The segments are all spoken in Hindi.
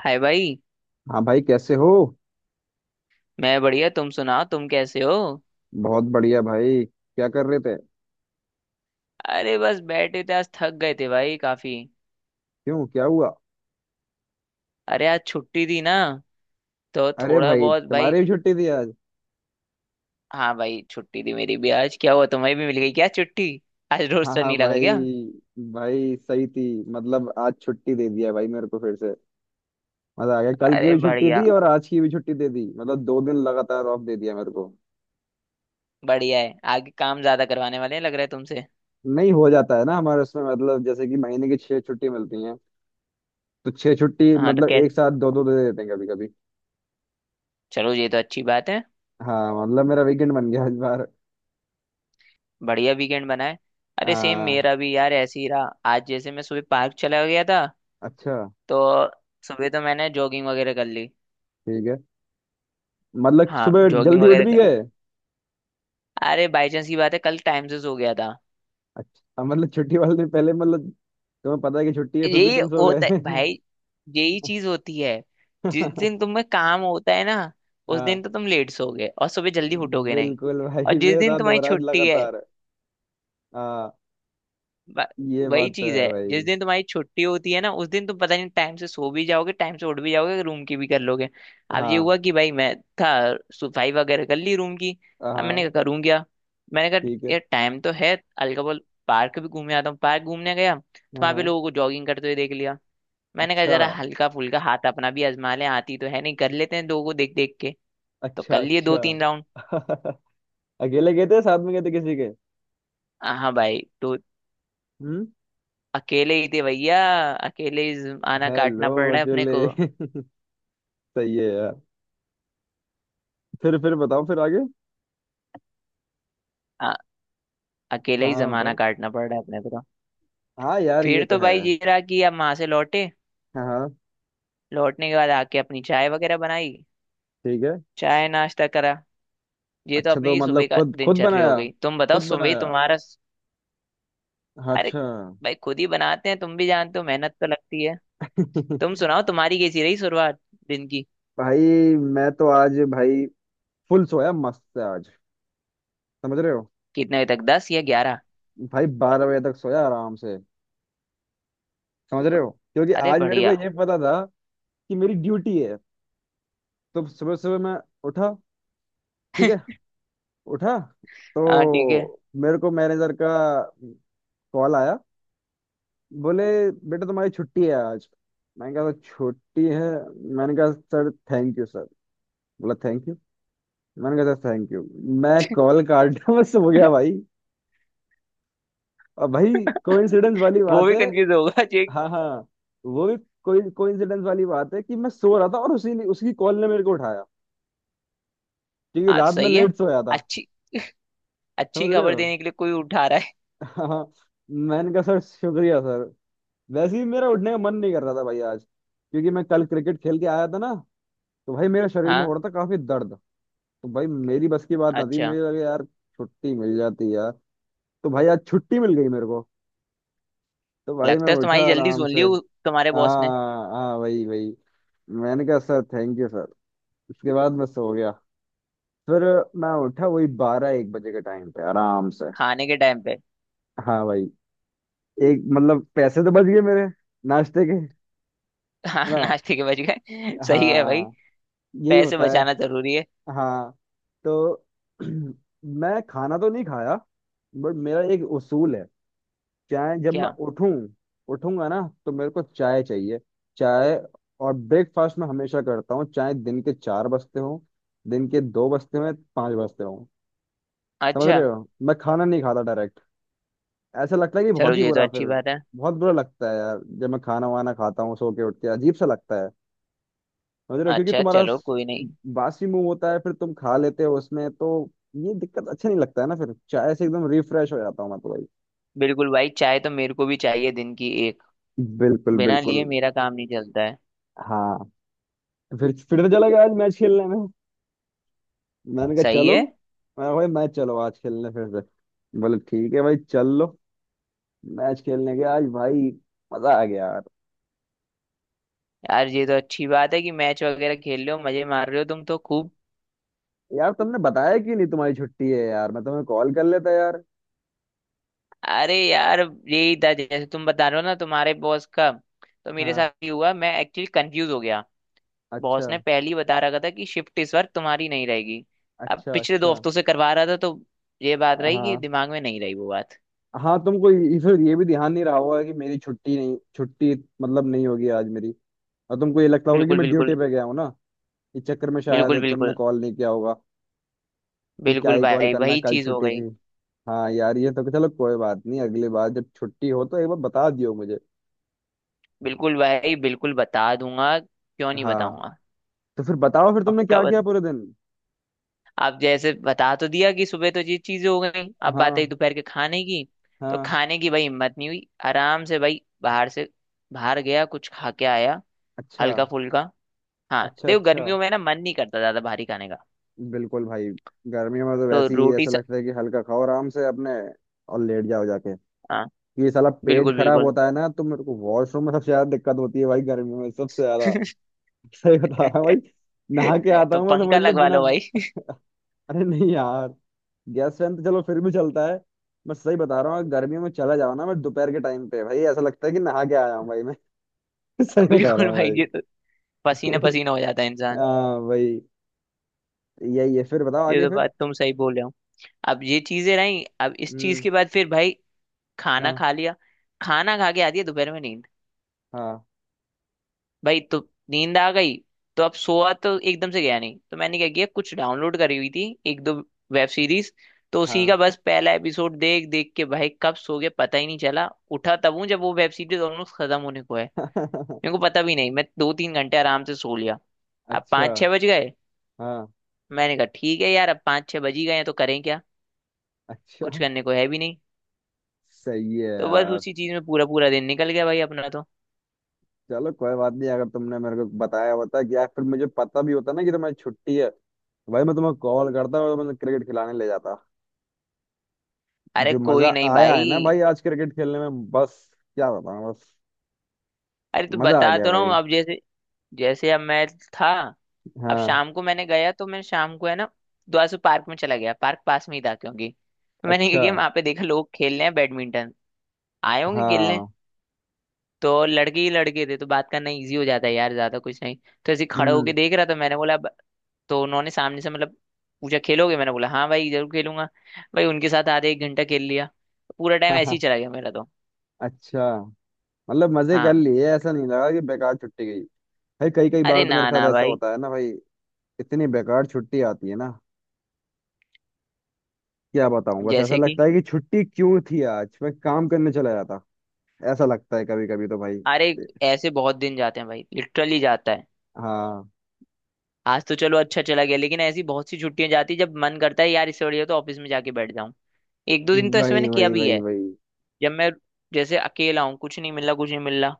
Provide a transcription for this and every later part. हाय भाई। हाँ भाई, कैसे हो। मैं बढ़िया, तुम सुनाओ, तुम कैसे हो। बहुत बढ़िया भाई, क्या कर रहे थे। अरे बस बैठे थे, आज थक गए थे भाई काफी। क्यों, क्या हुआ। अरे आज छुट्टी थी ना, तो अरे थोड़ा भाई, बहुत भाई। तुम्हारी भी छुट्टी थी आज। हाँ भाई, छुट्टी थी मेरी भी आज। क्या हुआ, तुम्हें भी मिल गई क्या छुट्टी? आज हाँ रोस्टर हाँ नहीं लगा भाई। क्या? भाई सही थी। मतलब आज छुट्टी दे दिया भाई मेरे को फिर से। मजा आ गया, कल की अरे भी छुट्टी बढ़िया। दी और आज की भी छुट्टी दे दी, मतलब दो दिन लगातार ऑफ दे दिया मेरे को। बढ़िया है, आगे काम ज्यादा करवाने वाले हैं लग रहा है तुमसे। नहीं हो जाता है ना हमारे उसमें, मतलब जैसे कि महीने की छह छुट्टी मिलती हैं। तो छह छुट्टी हाँ तो मतलब एक कैसे। साथ दो दो दे देते हैं कभी कभी। चलो ये तो अच्छी बात है। हाँ मतलब मेरा वीकेंड बन गया इस बार। बढ़िया वीकेंड बना है। अरे सेम हाँ। मेरा भी यार, ऐसे ही रहा। आज जैसे मैं सुबह पार्क चला गया था। अच्छा। तो सुबह तो मैंने जॉगिंग वगैरह कर ली। ठीक है। मतलब हाँ सुबह जॉगिंग जल्दी उठ वगैरह भी कर। गए। अरे बाई चांस की बात है, कल टाइम्स हो गया था। अच्छा, मतलब छुट्टी वाले दिन पहले मतलब तुम्हें पता है कि छुट्टी है फिर भी यही तुम सो होता है गए। भाई, यही चीज होती है। जिस दिन तुम्हें काम होता है ना, उस हाँ। दिन तो तुम लेट सोओगे और सुबह जल्दी उठोगे नहीं। बिल्कुल और भाई, जिस मेरे दिन साथ हो तुम्हारी रहा है छुट्टी है, लगातार। हाँ। ब- ये वही बात तो चीज है है। भाई। जिस दिन तुम्हारी छुट्टी होती है ना, उस दिन तुम पता नहीं टाइम से सो भी जाओगे, टाइम से उठ भी जाओगे, रूम की भी कर लोगे। अब ये हाँ हुआ कि भाई मैं था। सफाई वगैरह कर ली रूम की। अब मैंने हाँ। कहा करूँ क्या। मैंने कहा ठीक है। यार टाइम तो है, हल्का बोल पार्क भी घूमे आता हूँ। पार्क घूमने गया तो हाँ वहां पे हाँ। लोगों को जॉगिंग करते हुए देख लिया। मैंने कहा अच्छा जरा हल्का फुल्का हाथ अपना भी आजमा ले, आती तो है नहीं, कर लेते हैं लोगों को देख देख के। तो अच्छा कर लिए दो अच्छा। तीन राउंड। अकेले गए थे, साथ में गए थे किसी के। हाँ भाई तो हम्म। अकेले ही थे भैया। अकेले ही आना हेलो। काटना पड़ रहा है अपने अकेले। को। सही है यार। फिर बताओ फिर आगे। अकेले हाँ ही हाँ जमाना बताओ। काटना पड़ रहा है अपने को तो। हाँ यार, ये फिर तो तो है। भाई ये रहा कि अब वहां से लौटे। हाँ हाँ। लौटने के बाद आके अपनी चाय वगैरह बनाई। ठीक है। चाय नाश्ता करा। ये तो अच्छा, तो अपनी सुबह मतलब का खुद खुद दिनचर्या हो बनाया। गई, तुम बताओ खुद सुबह बनाया। तुम्हारा। अरे अच्छा। भाई, खुद ही बनाते हैं, तुम भी जानते हो मेहनत तो लगती है। तुम सुनाओ तुम्हारी कैसी रही शुरुआत दिन की। भाई मैं तो आज भाई फुल सोया मस्त से आज। समझ रहे हो। कितने बजे तक, दस या ग्यारह? भाई बारह बजे तक सोया आराम से। समझ रहे हो, क्योंकि अरे आज मेरे को बढ़िया। ये पता था कि मेरी ड्यूटी है। तो सुबह सुबह मैं उठा। ठीक है। उठा तो हाँ ठीक है। मेरे को मैनेजर का कॉल आया। बोले, बेटा तुम्हारी छुट्टी है आज। मैंने कहा छुट्टी है। मैंने कहा सर थैंक यू सर। बोला थैंक यू। मैंने कहा सर थैंक यू। मैं कॉल काटा, मैं सो गया भाई। अब भाई कोइंसिडेंस वाली वो बात भी है। कंफ्यूज होगा चेक। हाँ हाँ। वो भी कोई कोइंसिडेंस वाली बात है कि मैं सो रहा था और उसी ने, उसकी कॉल ने मेरे को उठाया, क्योंकि हाँ तो रात में सही है। लेट सोया था। अच्छी। अच्छी समझ रहे खबर हो। देने के लिए कोई उठा रहा है। हाँ हाँ, मैंने कहा सर शुक्रिया सर। वैसे ही मेरा उठने का मन नहीं कर रहा था भाई आज, क्योंकि मैं कल क्रिकेट खेल के आया था ना। तो भाई मेरे शरीर में हो हाँ। रहा था काफी दर्द। तो भाई मेरी बस की बात ना थी, अच्छा मेरे लगे यार छुट्टी मिल जाती यार। तो भाई आज छुट्टी मिल गई मेरे को। तो भाई मैं लगता है उठा तुम्हारी जल्दी आराम सुन से। ली तुम्हारे बॉस ने। हाँ हाँ वही वही। मैंने कहा सर थैंक यू सर। उसके बाद मैं सो गया। फिर मैं उठा वही बारह एक बजे के टाइम पे आराम से। खाने के टाइम पे? हाँ भाई। एक मतलब पैसे तो बच गए मेरे, नाश्ते के। है हाँ, ना। नाश्ते के बज गए, सही है भाई। हाँ, यही पैसे होता है। बचाना जरूरी है। हाँ। तो मैं खाना तो नहीं खाया, बट मेरा एक उसूल है, चाहे जब मैं क्या? उठूं, उठूंगा ना तो मेरे को चाय चाहिए। चाय और ब्रेकफास्ट में हमेशा करता हूँ, चाहे दिन के चार बजते हों, दिन के दो बजते हों या पाँच बजते हों। समझ अच्छा, रहे हो, मैं खाना नहीं खाता डायरेक्ट। ऐसा लगता है कि चलो बहुत ही ये तो बुरा फिर। अच्छी बात है। बहुत बुरा लगता है यार जब मैं खाना वाना खाता हूँ सो के उठ के, अजीब सा लगता है। समझ रहे हो, क्योंकि अच्छा तुम्हारा चलो कोई नहीं। बासी मुंह होता है फिर तुम खा लेते हो उसमें तो, ये दिक्कत। अच्छा नहीं लगता है ना, फिर चाय से एकदम रिफ्रेश हो जाता हूँ मैं तो भाई। बिल्कुल भाई, चाय तो मेरे को भी चाहिए दिन की एक। बिल्कुल बिना लिए बिल्कुल। मेरा काम नहीं चलता है। हाँ। तो फिर तो चला गया आज मैच खेलने में। मैंने कहा सही चलो, है मैं भाई मैच चलो आज खेलने, फिर से बोले ठीक है भाई चल लो। मैच खेलने गया आज भाई। मजा आ गया यार। यार, ये तो अच्छी बात है कि मैच वगैरह खेल रहे हो, मजे मार रहे हो तुम तो खूब। यार तुमने बताया क्यों नहीं तुम्हारी छुट्टी है, यार मैं तुम्हें कॉल कर लेता यार। अरे यार, यही था जैसे तुम बता रहे हो ना तुम्हारे बॉस का, तो मेरे हाँ। साथ ही हुआ। मैं एक्चुअली कंफ्यूज हो गया। अच्छा बॉस ने पहले ही बता रखा था कि शिफ्ट इस बार तुम्हारी नहीं रहेगी। अब अच्छा पिछले दो अच्छा। हफ्तों से करवा रहा था, तो ये बात रही कि हाँ दिमाग में नहीं रही वो बात। हाँ। तुमको फिर ये भी ध्यान नहीं रहा होगा कि मेरी छुट्टी नहीं, छुट्टी मतलब नहीं होगी आज मेरी। और तुमको ये लगता होगा कि बिल्कुल मैं ड्यूटी बिल्कुल। पे गया हूँ ना। इस चक्कर में बिल्कुल शायद तुमने बिल्कुल। कॉल नहीं किया होगा कि क्या बिल्कुल ही कॉल भाई करना, वही कल चीज हो छुट्टी गई। थी। हाँ यार, ये तो चलो कोई बात नहीं। अगली बार जब छुट्टी हो तो एक बार बता दियो मुझे। बिल्कुल भाई, बिल्कुल बता दूंगा, क्यों नहीं हाँ। बताऊंगा। तो फिर बताओ फिर तुमने पक्का क्या किया बत... पूरे दिन। आप जैसे बता तो दिया कि सुबह तो ये चीजें हो गई, अब बात आई हाँ दोपहर के खाने की। तो हाँ। खाने की भाई हिम्मत नहीं हुई, आराम से भाई बाहर से, बाहर गया कुछ खा के आया, अच्छा हल्का फुल्का। हाँ अच्छा देखो अच्छा। गर्मियों में ना मन नहीं करता ज्यादा भारी खाने का। बिल्कुल भाई। गर्मियों में तो तो वैसे ही रोटी ऐसा स... लगता है कि हल्का खाओ आराम से अपने, और लेट जाओ जाके। हाँ ये साला पेट बिल्कुल खराब बिल्कुल। होता है ना तो मेरे को वॉशरूम में सबसे ज्यादा दिक्कत होती है भाई, गर्मियों में सबसे ज्यादा। सही बता रहा हूँ भाई। नहा के आता तो हूँ मैं, पंखा समझ लो लगवा बिना। लो भाई। अरे नहीं यार, गैस फैन तो चलो फिर भी चलता है। मैं सही बता रहा हूँ, अगर गर्मियों में चला जाओ ना, मैं दोपहर के टाइम पे भाई ऐसा लगता है कि नहा के आया हूँ भाई मैं। सही बता रहा बिल्कुल हूँ भाई, भाई। ये तो, पसीना पसीना हो जाता है इंसान। हाँ भाई। यही है। फिर बताओ ये आगे तो फिर। बात तुम सही बोल रहे हो। अब ये चीजें रही, अब इस चीज हम्म। के बाद फिर भाई खाना हाँ खा लिया। खाना खा के आती है दोपहर में नींद। हाँ भाई तो नींद आ गई। तो अब सोआ तो एकदम से गया नहीं, तो मैंने क्या किया, कुछ डाउनलोड करी हुई थी, एक दो वेब सीरीज, तो उसी का हाँ। बस पहला एपिसोड देख देख के भाई कब सो गया पता ही नहीं चला। उठा तब हूँ जब वो वेब सीरीज ऑलमोस्ट खत्म होने को है। मेरे को पता भी नहीं, मैं दो तीन घंटे आराम से सो लिया। अब अच्छा। पाँच छः बज गए। हाँ। मैंने कहा ठीक है यार, अब पाँच छः बज ही गए हैं, तो करें क्या। कुछ अच्छा। करने को है भी नहीं। सही है तो बस यार। उसी चीज में पूरा पूरा दिन निकल गया भाई अपना तो। चलो कोई बात नहीं, अगर तुमने मेरे को बताया होता कि यार, फिर मुझे पता भी होता ना कि तुम्हारी छुट्टी है। भाई मैं तुम्हें कॉल करता और तुम्हें क्रिकेट खिलाने ले जाता। अरे जो मजा कोई नहीं आया है ना भाई। भाई आज क्रिकेट खेलने में, बस क्या बताऊं बस। अरे तो मजा आ बता गया तो रहा हूँ, भाई। अब जैसे, जैसे अब मैं था। अब हाँ। शाम को मैंने गया, तो मैं शाम को है ना, द्वासू पार्क में चला गया। पार्क पास में ही था क्योंकि, तो मैंने क्या अच्छा। किया वहां पे देखा लोग खेल रहे हैं बैडमिंटन। आए होंगे खेलने। हाँ। तो लड़के ही लड़के थे, तो बात करना इजी हो जाता है यार, ज्यादा कुछ नहीं। तो ऐसे ही खड़ा होके हम्म। देख रहा था मैंने बोला। तो उन्होंने सामने से मतलब पूछा खेलोगे, मैंने बोला हाँ भाई जरूर खेलूंगा। भाई उनके साथ आधे एक घंटा खेल लिया। पूरा टाइम ऐसे ही हाँ। चला गया मेरा तो। अच्छा, मतलब मजे कर हाँ। लिए, ऐसा नहीं लगा कि बेकार छुट्टी गई। भाई कई कई बार अरे तो मेरे ना ना साथ ऐसा भाई। होता है ना भाई, इतनी बेकार छुट्टी आती है ना, क्या बताऊं बस। ऐसा जैसे कि, लगता है कि छुट्टी क्यों थी आज, मैं काम करने चला जाता। ऐसा लगता है कभी कभी तो भाई। अरे, ऐसे बहुत दिन जाते हैं भाई, लिटरली जाता है। हाँ आज तो चलो अच्छा चला गया, लेकिन ऐसी बहुत सी छुट्टियां जाती है जब मन करता है यार इससे बढ़िया तो ऑफिस में जाके बैठ जाऊं। एक दो दिन तो ऐसे वही मैंने किया वही भी वही है। वही। जब मैं, जैसे अकेला हूँ, कुछ नहीं मिल रहा, कुछ नहीं मिल रहा,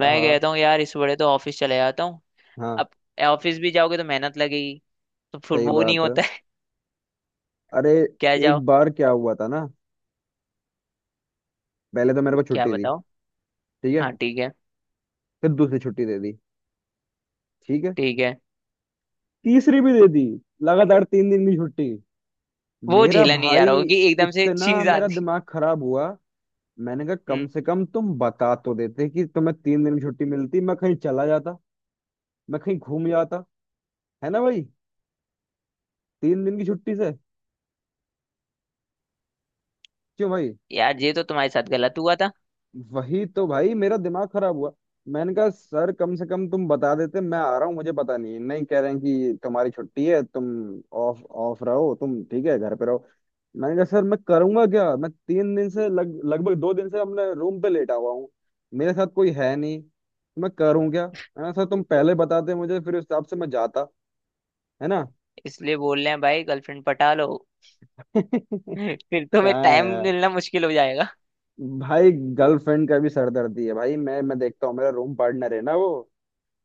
मैं हाँ कहता हूँ यार इससे बढ़िया तो ऑफिस चले जाता हूँ। हाँ अब ऑफिस भी जाओगे तो मेहनत लगेगी, तो फिर सही वो नहीं बात है। होता है। अरे क्या जाओ। एक बार क्या हुआ था ना, पहले तो मेरे को क्या छुट्टी दी। बताओ। ठीक है। हाँ ठीक है। फिर दूसरी छुट्टी दे दी। ठीक है। ठीक है। तीसरी भी दे दी। लगातार तीन दिन की छुट्टी। वो मेरा झेला नहीं जा भाई, रहा होगी एकदम से इतना चीज मेरा आती। दिमाग खराब हुआ। मैंने कहा कम हम्म। से कम तुम बता तो देते कि तुम्हें तीन दिन की छुट्टी मिलती, मैं कहीं चला जाता, मैं कहीं घूम जाता। है ना भाई, तीन दिन की छुट्टी से। क्यों भाई। यार ये तो तुम्हारे साथ गलत हुआ था। वही तो भाई, मेरा दिमाग खराब हुआ। मैंने कहा सर कम से कम तुम बता देते, मैं आ रहा हूँ, मुझे पता नहीं है। नहीं, कह रहे हैं कि तुम्हारी छुट्टी है तुम ऑफ ऑफ रहो तुम, ठीक है घर पे रहो। मैंने कहा सर मैं करूंगा क्या, मैं तीन दिन से लग लगभग, दो दिन से अपने रूम पे लेटा हुआ हूँ। मेरे साथ कोई है नहीं, तो मैं करूँ क्या, है ना सर, तुम पहले बताते मुझे फिर उस हिसाब से मैं जाता। है ना। इसलिए बोल रहे हैं भाई, गर्लफ्रेंड पटा लो। फिर तुम्हें कहाँ। टाइम है मिलना मुश्किल हो जाएगा। भाई गर्लफ्रेंड का भी सरदर्दी है भाई, मैं देखता हूँ, मेरा रूम पार्टनर है ना,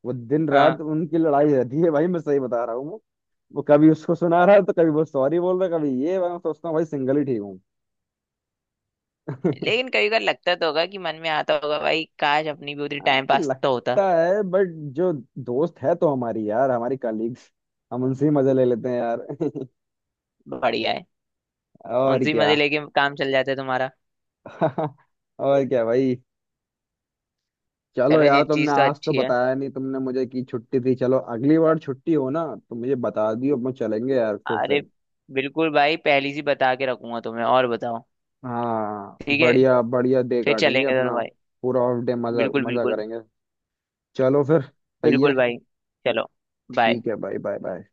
वो दिन रात हाँ। उनकी लड़ाई रहती है भाई, मैं सही बता रहा हूँ। वो कभी उसको सुना रहा है तो कभी वो सॉरी बोल रहा है, कभी ये मैं सोचता हूँ भाई सिंगल ही ठीक हूँ। लेकिन कभी कभार लगता तो होगा कि मन में आता होगा भाई, काश अपनी भी उतनी हाँ, टाइम पास तो होता। लगता है बट जो दोस्त है तो हमारी, यार हमारी कलीग्स, हम उनसे ही मजे ले लेते हैं यार। बढ़िया है। और उनसे क्या। मजे लेके काम चल जाता है तुम्हारा। और क्या भाई। चलो चलो यार, ये तुमने चीज तो आज तो अच्छी है। बताया नहीं तुमने मुझे कि छुट्टी थी, चलो अगली बार छुट्टी हो ना तो मुझे बता दियो, अपन चलेंगे यार फिर अरे से। बिल्कुल भाई, पहली सी बता के रखूंगा तुम्हें। और बताओ। हाँ, ठीक है, बढ़िया बढ़िया डे फिर काटेंगे चलेंगे दोनों अपना। भाई। पूरा ऑफ डे मजा बिल्कुल मजा बिल्कुल। करेंगे। चलो फिर, सही बिल्कुल है। भाई। चलो। बाय। ठीक है भाई, बाय बाय।